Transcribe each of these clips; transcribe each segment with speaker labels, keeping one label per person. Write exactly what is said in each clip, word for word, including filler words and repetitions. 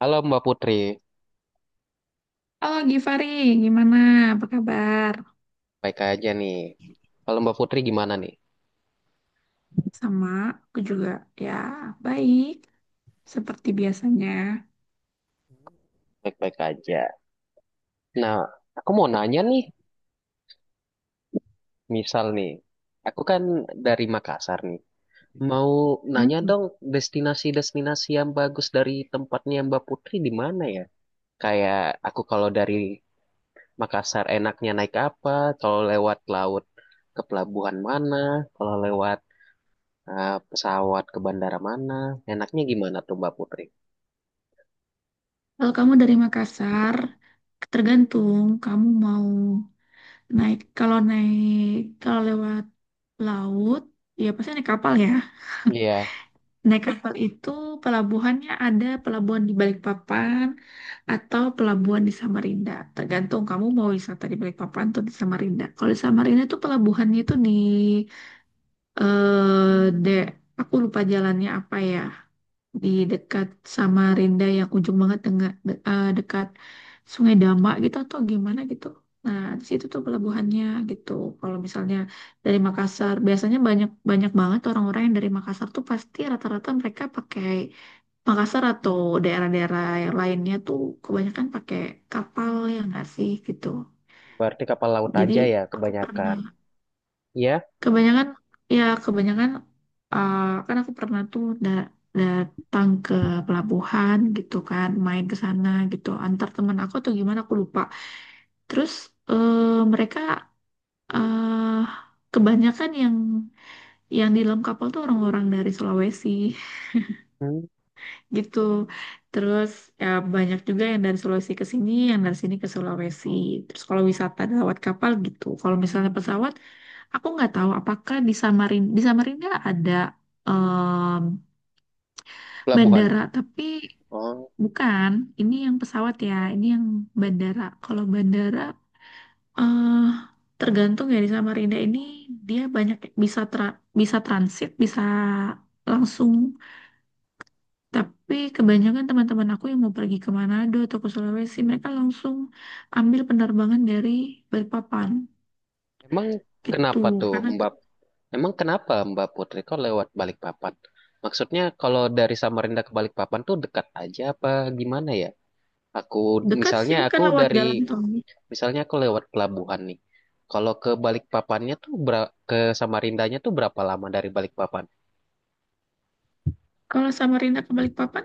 Speaker 1: Halo Mbak Putri,
Speaker 2: Oh, Givari, gimana? Apa kabar?
Speaker 1: baik aja nih. Kalau Mbak Putri gimana nih?
Speaker 2: Sama, aku juga, ya, baik, seperti biasanya.
Speaker 1: Baik-baik aja. Nah, aku mau nanya nih, misal nih, aku kan dari Makassar nih. Mau nanya dong destinasi-destinasi yang bagus dari tempatnya Mbak Putri di mana ya? Kayak aku kalau dari Makassar enaknya naik apa? Kalau lewat laut ke pelabuhan mana? Kalau lewat eh, pesawat ke bandara mana? Enaknya gimana tuh Mbak Putri?
Speaker 2: Kalau kamu dari Makassar, tergantung kamu mau naik. Kalau naik, kalau lewat laut, ya pasti naik kapal, ya.
Speaker 1: Iya,
Speaker 2: Naik kapal itu pelabuhannya, ada pelabuhan di Balikpapan atau pelabuhan di Samarinda. Tergantung kamu mau wisata di Balikpapan atau di Samarinda. Kalau di Samarinda itu pelabuhannya itu di eh de, aku lupa jalannya apa, ya, di dekat Samarinda yang ujung banget dengan de- eh, dekat Sungai Damak gitu atau gimana gitu. Nah, di situ tuh pelabuhannya gitu. Kalau misalnya dari Makassar, biasanya banyak banyak banget orang-orang yang dari Makassar tuh pasti rata-rata mereka pakai Makassar atau daerah-daerah yang lainnya tuh kebanyakan pakai kapal, ya nggak sih gitu.
Speaker 1: berarti kapal laut
Speaker 2: Jadi
Speaker 1: aja ya
Speaker 2: aku
Speaker 1: kebanyakan.
Speaker 2: pernah.
Speaker 1: Ya.
Speaker 2: Kebanyakan, ya kebanyakan, eh, kan aku pernah tuh da- datang ke pelabuhan gitu, kan main ke sana gitu antar teman aku atau gimana aku lupa. Terus eh, mereka eh kebanyakan yang yang di dalam kapal tuh orang-orang dari Sulawesi
Speaker 1: Hmm.
Speaker 2: gitu. Terus ya banyak juga yang dari Sulawesi ke sini, yang dari sini ke Sulawesi. Terus kalau wisata lewat kapal gitu. Kalau misalnya pesawat, aku nggak tahu apakah di Samarinda, di Samarinda ada em,
Speaker 1: Pelabuhan.
Speaker 2: bandara, tapi
Speaker 1: Oh.
Speaker 2: bukan. Ini yang pesawat ya, ini yang bandara. Kalau bandara, eh tergantung ya, di Samarinda ini dia banyak, bisa tra- bisa transit, bisa langsung. Tapi kebanyakan teman-teman aku yang mau pergi ke Manado atau ke Sulawesi, mereka langsung ambil penerbangan dari Balikpapan.
Speaker 1: Emang
Speaker 2: Gitu,
Speaker 1: kenapa tuh
Speaker 2: karena
Speaker 1: Mbak? Emang kenapa Mbak Putri kok lewat Balikpapan? Maksudnya kalau dari Samarinda ke Balikpapan tuh dekat aja apa gimana ya? Aku
Speaker 2: dekat
Speaker 1: misalnya
Speaker 2: sih kan
Speaker 1: aku
Speaker 2: lewat
Speaker 1: dari
Speaker 2: jalan tol.
Speaker 1: Misalnya aku lewat pelabuhan nih. Kalau ke Balikpapannya tuh bera- ke Samarindanya tuh berapa lama dari Balikpapan?
Speaker 2: Kalau Samarinda ke Balikpapan,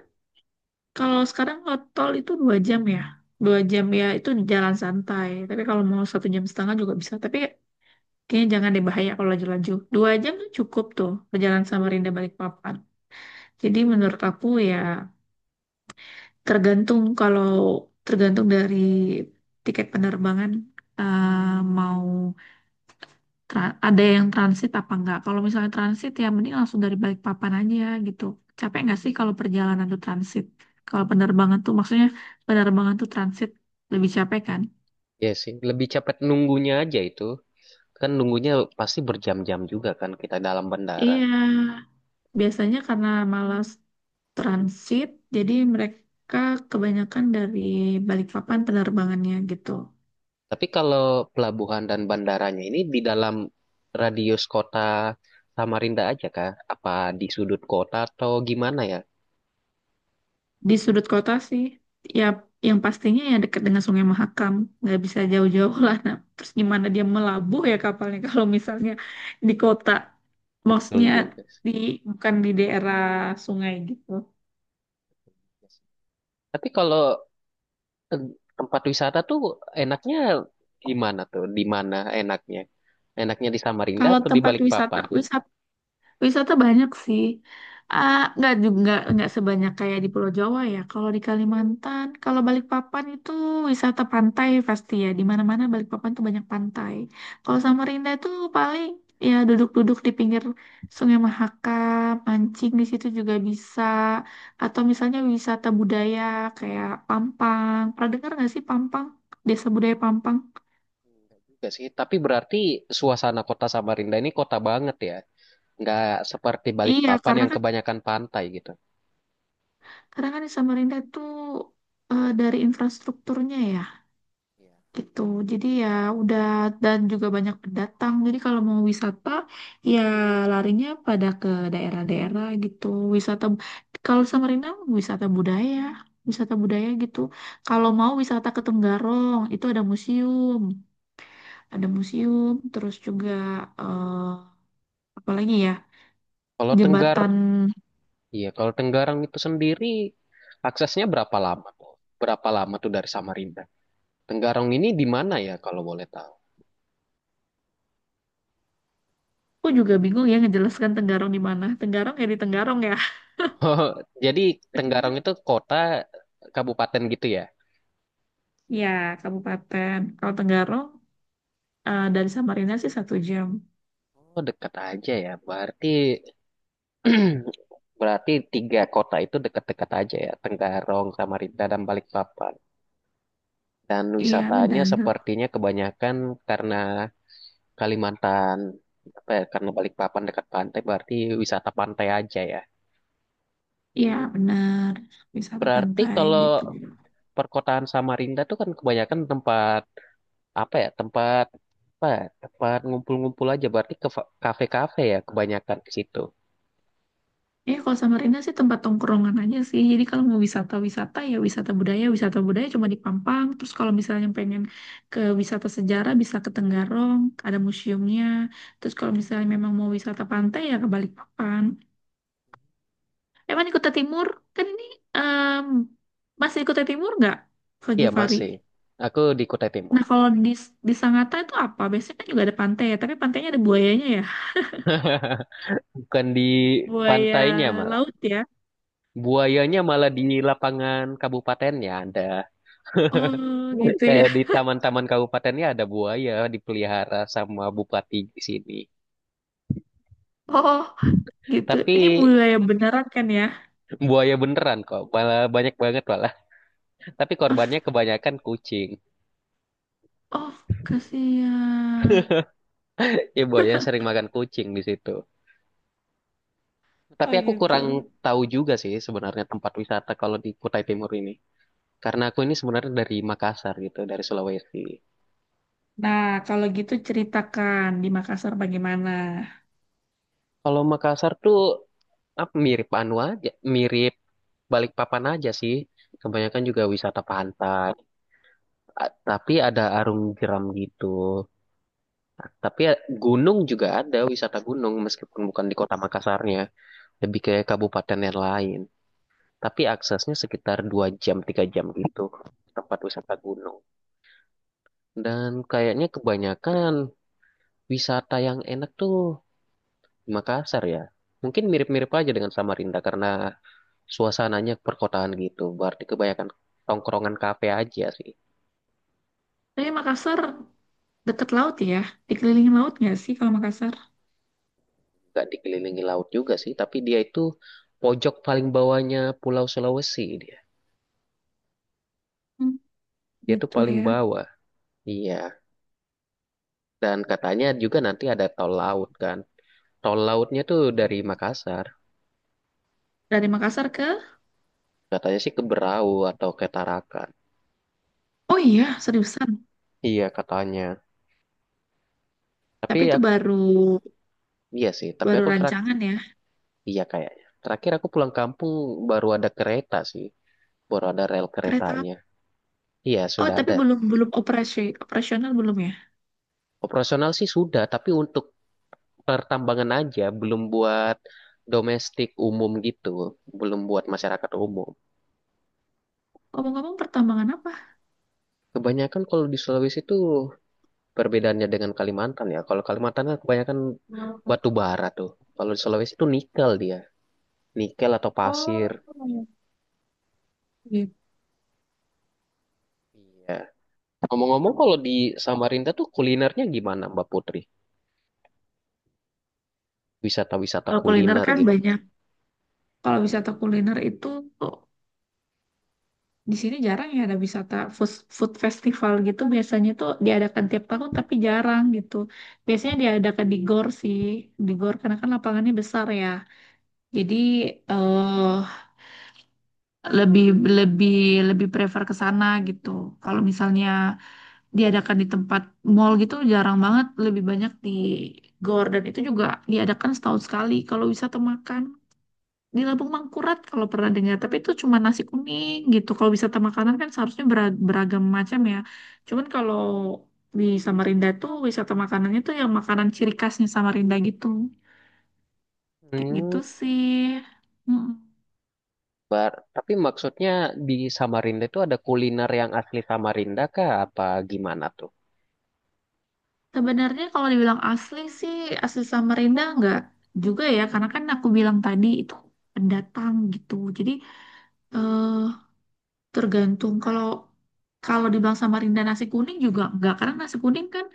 Speaker 2: kalau sekarang kalau tol itu dua jam ya, dua jam ya itu jalan santai. Tapi kalau mau satu jam setengah juga bisa. Tapi kayaknya jangan deh, bahaya kalau laju-laju. Dua jam tuh cukup tuh perjalanan Samarinda Balikpapan. Jadi menurut aku ya, tergantung kalau tergantung dari tiket penerbangan, eh, mau tra- ada yang transit apa enggak. Kalau misalnya transit ya mending langsung dari Balikpapan aja gitu. Capek nggak sih kalau perjalanan tuh transit? Kalau penerbangan tuh maksudnya penerbangan tuh transit lebih capek kan?
Speaker 1: Ya sih, lebih cepet nunggunya aja itu. Kan nunggunya pasti berjam-jam juga kan kita dalam bandara.
Speaker 2: Iya, biasanya karena malas transit, jadi mereka kebanyakan dari Balikpapan penerbangannya gitu.
Speaker 1: Tapi kalau pelabuhan dan bandaranya ini di dalam radius kota Samarinda aja kah? Apa di sudut kota atau gimana ya?
Speaker 2: Di sudut kota sih, ya yang pastinya ya dekat dengan Sungai Mahakam, nggak bisa jauh-jauh lah. Nah terus gimana dia melabuh ya kapalnya kalau misalnya di kota,
Speaker 1: Betul
Speaker 2: maksudnya
Speaker 1: juga sih.
Speaker 2: di, bukan di daerah sungai gitu.
Speaker 1: Tapi kalau eh, tempat wisata tuh enaknya gimana tuh? Di mana enaknya? Enaknya di Samarinda
Speaker 2: Kalau
Speaker 1: atau di
Speaker 2: tempat wisata,
Speaker 1: Balikpapan?
Speaker 2: wisata banyak sih. Ah, nggak juga, nggak nggak sebanyak kayak di Pulau Jawa ya. Kalau di Kalimantan, kalau Balikpapan itu wisata pantai pasti ya. Di mana-mana Balikpapan tuh banyak pantai. Kalau Samarinda itu paling ya duduk-duduk di pinggir Sungai Mahakam, mancing di situ juga bisa. Atau misalnya wisata budaya kayak Pampang. Pernah dengar nggak sih Pampang? Desa budaya Pampang?
Speaker 1: Juga sih. Tapi berarti suasana kota Samarinda ini kota banget ya. Nggak seperti
Speaker 2: Iya,
Speaker 1: Balikpapan
Speaker 2: karena
Speaker 1: yang
Speaker 2: kan
Speaker 1: kebanyakan pantai gitu.
Speaker 2: karena kan di Samarinda tuh, eh, dari infrastrukturnya ya
Speaker 1: Iya.
Speaker 2: gitu. Jadi ya udah, dan juga banyak pendatang. Jadi kalau mau wisata ya larinya pada ke daerah-daerah gitu. Wisata kalau Samarinda, wisata budaya, wisata budaya gitu. Kalau mau wisata ke Tenggarong itu ada museum, ada museum terus juga eh, apa lagi ya?
Speaker 1: Kalau Tenggar
Speaker 2: Jembatan.
Speaker 1: Iya, kalau Tenggarang itu sendiri aksesnya berapa lama tuh? Berapa lama tuh dari Samarinda? Tenggarong ini di mana ya kalau boleh tahu?
Speaker 2: Aku juga bingung ya ngejelaskan Tenggarong di mana. Tenggarong ya di Tenggarong ya.
Speaker 1: Jadi Tenggarong itu kota kabupaten gitu ya?
Speaker 2: Ya, kabupaten. Kalau Tenggarong eh, dari Samarinda sih satu jam.
Speaker 1: Oh, dekat aja ya. Berarti berarti tiga kota itu dekat-dekat aja ya. Tenggarong, Samarinda, dan Balikpapan. Dan
Speaker 2: Iya
Speaker 1: wisatanya
Speaker 2: benar,
Speaker 1: sepertinya kebanyakan karena Kalimantan, apa ya, karena Balikpapan dekat pantai, berarti wisata pantai aja ya.
Speaker 2: iya
Speaker 1: Hmm.
Speaker 2: benar. Wisata
Speaker 1: Berarti
Speaker 2: pantai
Speaker 1: kalau
Speaker 2: gitu.
Speaker 1: perkotaan Samarinda tuh kan kebanyakan tempat apa ya? Tempat apa, ya? Tempat ngumpul-ngumpul aja. Berarti ke kafe-kafe ya kebanyakan ke situ.
Speaker 2: Eh kalau sama Rina sih tempat tongkrongan aja sih. Jadi kalau mau wisata-wisata ya wisata budaya, wisata budaya cuma di Pampang. Terus kalau misalnya pengen ke wisata sejarah bisa ke Tenggarong, ada museumnya. Terus kalau misalnya memang mau wisata pantai ya ke Balikpapan. Emang di Kota Timur kan ini em, masih di Kota Timur nggak, Kak
Speaker 1: Iya
Speaker 2: Givari?
Speaker 1: masih. Aku di Kutai Timur,
Speaker 2: Nah kalau di di Sangatta itu apa? Biasanya kan juga ada pantai ya, tapi pantainya ada buayanya ya?
Speaker 1: bukan di
Speaker 2: Buaya
Speaker 1: pantainya malah.
Speaker 2: laut ya?
Speaker 1: Buayanya malah di lapangan kabupatennya ada.
Speaker 2: Oh, gitu
Speaker 1: Kayak
Speaker 2: ya.
Speaker 1: di taman-taman kabupatennya ada buaya dipelihara sama bupati di sini.
Speaker 2: Oh, gitu.
Speaker 1: Tapi
Speaker 2: Ini buaya beneran kan ya?
Speaker 1: buaya beneran kok, malah banyak banget malah. Tapi korbannya kebanyakan kucing.
Speaker 2: Oh, kasihan.
Speaker 1: Iya, buaya sering makan kucing di situ. Tapi
Speaker 2: Oh,
Speaker 1: aku
Speaker 2: gitu.
Speaker 1: kurang tahu juga sih sebenarnya tempat wisata kalau di Kutai Timur ini. Karena aku ini sebenarnya dari Makassar gitu, dari Sulawesi.
Speaker 2: Nah, kalau gitu ceritakan di Makassar bagaimana?
Speaker 1: Kalau Makassar tuh apa, mirip anu aja, mirip Balikpapan aja sih. Kebanyakan juga wisata pantai, A- tapi ada arum jeram gitu. Tapi ya, gunung juga ada wisata gunung meskipun bukan di kota Makassarnya, lebih ke kabupaten yang lain. Tapi aksesnya sekitar dua jam, tiga jam gitu ke tempat wisata gunung. Dan kayaknya kebanyakan wisata yang enak tuh di Makassar ya. Mungkin mirip-mirip aja dengan Samarinda karena suasananya perkotaan gitu. Berarti kebanyakan tongkrongan kafe aja sih.
Speaker 2: Tapi Makassar dekat laut ya? Dikelilingi laut nggak sih kalau Makassar?
Speaker 1: Gak dikelilingi laut juga sih, tapi dia itu pojok paling bawahnya Pulau Sulawesi dia.
Speaker 2: Hmm,
Speaker 1: Dia tuh
Speaker 2: gitu
Speaker 1: paling
Speaker 2: ya.
Speaker 1: bawah. Iya. Dan katanya juga nanti ada tol laut kan. Tol lautnya tuh dari Makassar.
Speaker 2: Dari Makassar ke...
Speaker 1: Katanya sih ke Berau atau ke Tarakan.
Speaker 2: Oh iya, seriusan.
Speaker 1: Iya katanya. Tapi
Speaker 2: Tapi
Speaker 1: ya,
Speaker 2: itu baru,
Speaker 1: iya sih. Tapi
Speaker 2: baru
Speaker 1: aku terak,
Speaker 2: rancangan ya.
Speaker 1: iya kayaknya. Terakhir aku pulang kampung baru ada kereta sih. Baru ada rel
Speaker 2: Kereta apa?
Speaker 1: keretanya. Iya,
Speaker 2: Oh,
Speaker 1: sudah
Speaker 2: tapi
Speaker 1: ada.
Speaker 2: belum, belum operasi operasional belum ya?
Speaker 1: Operasional sih sudah, tapi untuk pertambangan aja, belum buat domestik umum gitu. Belum buat masyarakat umum.
Speaker 2: Ngomong-ngomong pertambangan apa?
Speaker 1: Kebanyakan kalau di Sulawesi itu perbedaannya dengan Kalimantan ya. Kalau Kalimantan kan kebanyakan batu bara tuh. Kalau di Sulawesi itu nikel dia. Nikel atau
Speaker 2: Oh,
Speaker 1: pasir.
Speaker 2: gitu.
Speaker 1: Iya. Ngomong-ngomong, kalau di Samarinda tuh kulinernya gimana, Mbak Putri? Wisata-wisata
Speaker 2: Kalau kuliner
Speaker 1: kuliner
Speaker 2: kan
Speaker 1: gitu.
Speaker 2: banyak. Kalau wisata kuliner itu tuh, di sini jarang ya ada wisata food, food festival gitu. Biasanya tuh diadakan tiap tahun tapi jarang gitu. Biasanya diadakan di G O R sih. Di G O R karena kan lapangannya besar ya. Jadi eh lebih lebih lebih prefer ke sana gitu. Kalau misalnya diadakan di tempat mall gitu jarang banget, lebih banyak di G O R, dan itu juga diadakan setahun sekali kalau wisata makan. Di Lampung Mangkurat kalau pernah dengar tapi itu cuma nasi kuning gitu. Kalau wisata makanan kan seharusnya bera- beragam macam ya, cuman kalau di Samarinda tuh wisata makanannya tuh yang makanan ciri khasnya Samarinda gitu, kayak gitu
Speaker 1: Hmm,
Speaker 2: sih. mm
Speaker 1: bar. Tapi maksudnya di Samarinda itu ada kuliner yang asli Samarinda kah? Apa gimana tuh?
Speaker 2: Sebenarnya kalau dibilang asli sih, asli Samarinda enggak juga ya, karena kan aku bilang tadi itu pendatang gitu, jadi eh, tergantung. Kalau kalau dibilang Samarinda nasi kuning juga enggak, karena nasi kuning kan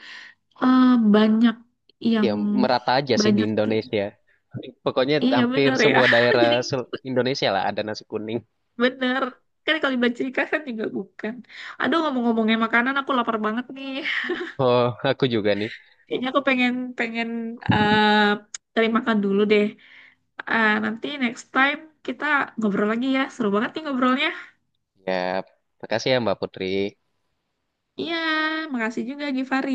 Speaker 2: eh, banyak yang
Speaker 1: Ya, merata aja sih di
Speaker 2: banyak ju-
Speaker 1: Indonesia. Pokoknya
Speaker 2: iya
Speaker 1: hampir
Speaker 2: bener ya.
Speaker 1: semua daerah
Speaker 2: Jadi
Speaker 1: sel- Indonesia lah ada nasi kuning.
Speaker 2: bener, kan kalau di Bancika kan juga bukan, aduh ngomong-ngomongnya makanan aku lapar banget nih.
Speaker 1: Oh, aku juga nih.
Speaker 2: Kayaknya aku pengen, pengen eh cari makan dulu deh. Eh, nanti next time kita ngobrol lagi ya, seru banget nih ngobrolnya.
Speaker 1: Ya, makasih ya Mbak Putri.
Speaker 2: Iya makasih juga Givari.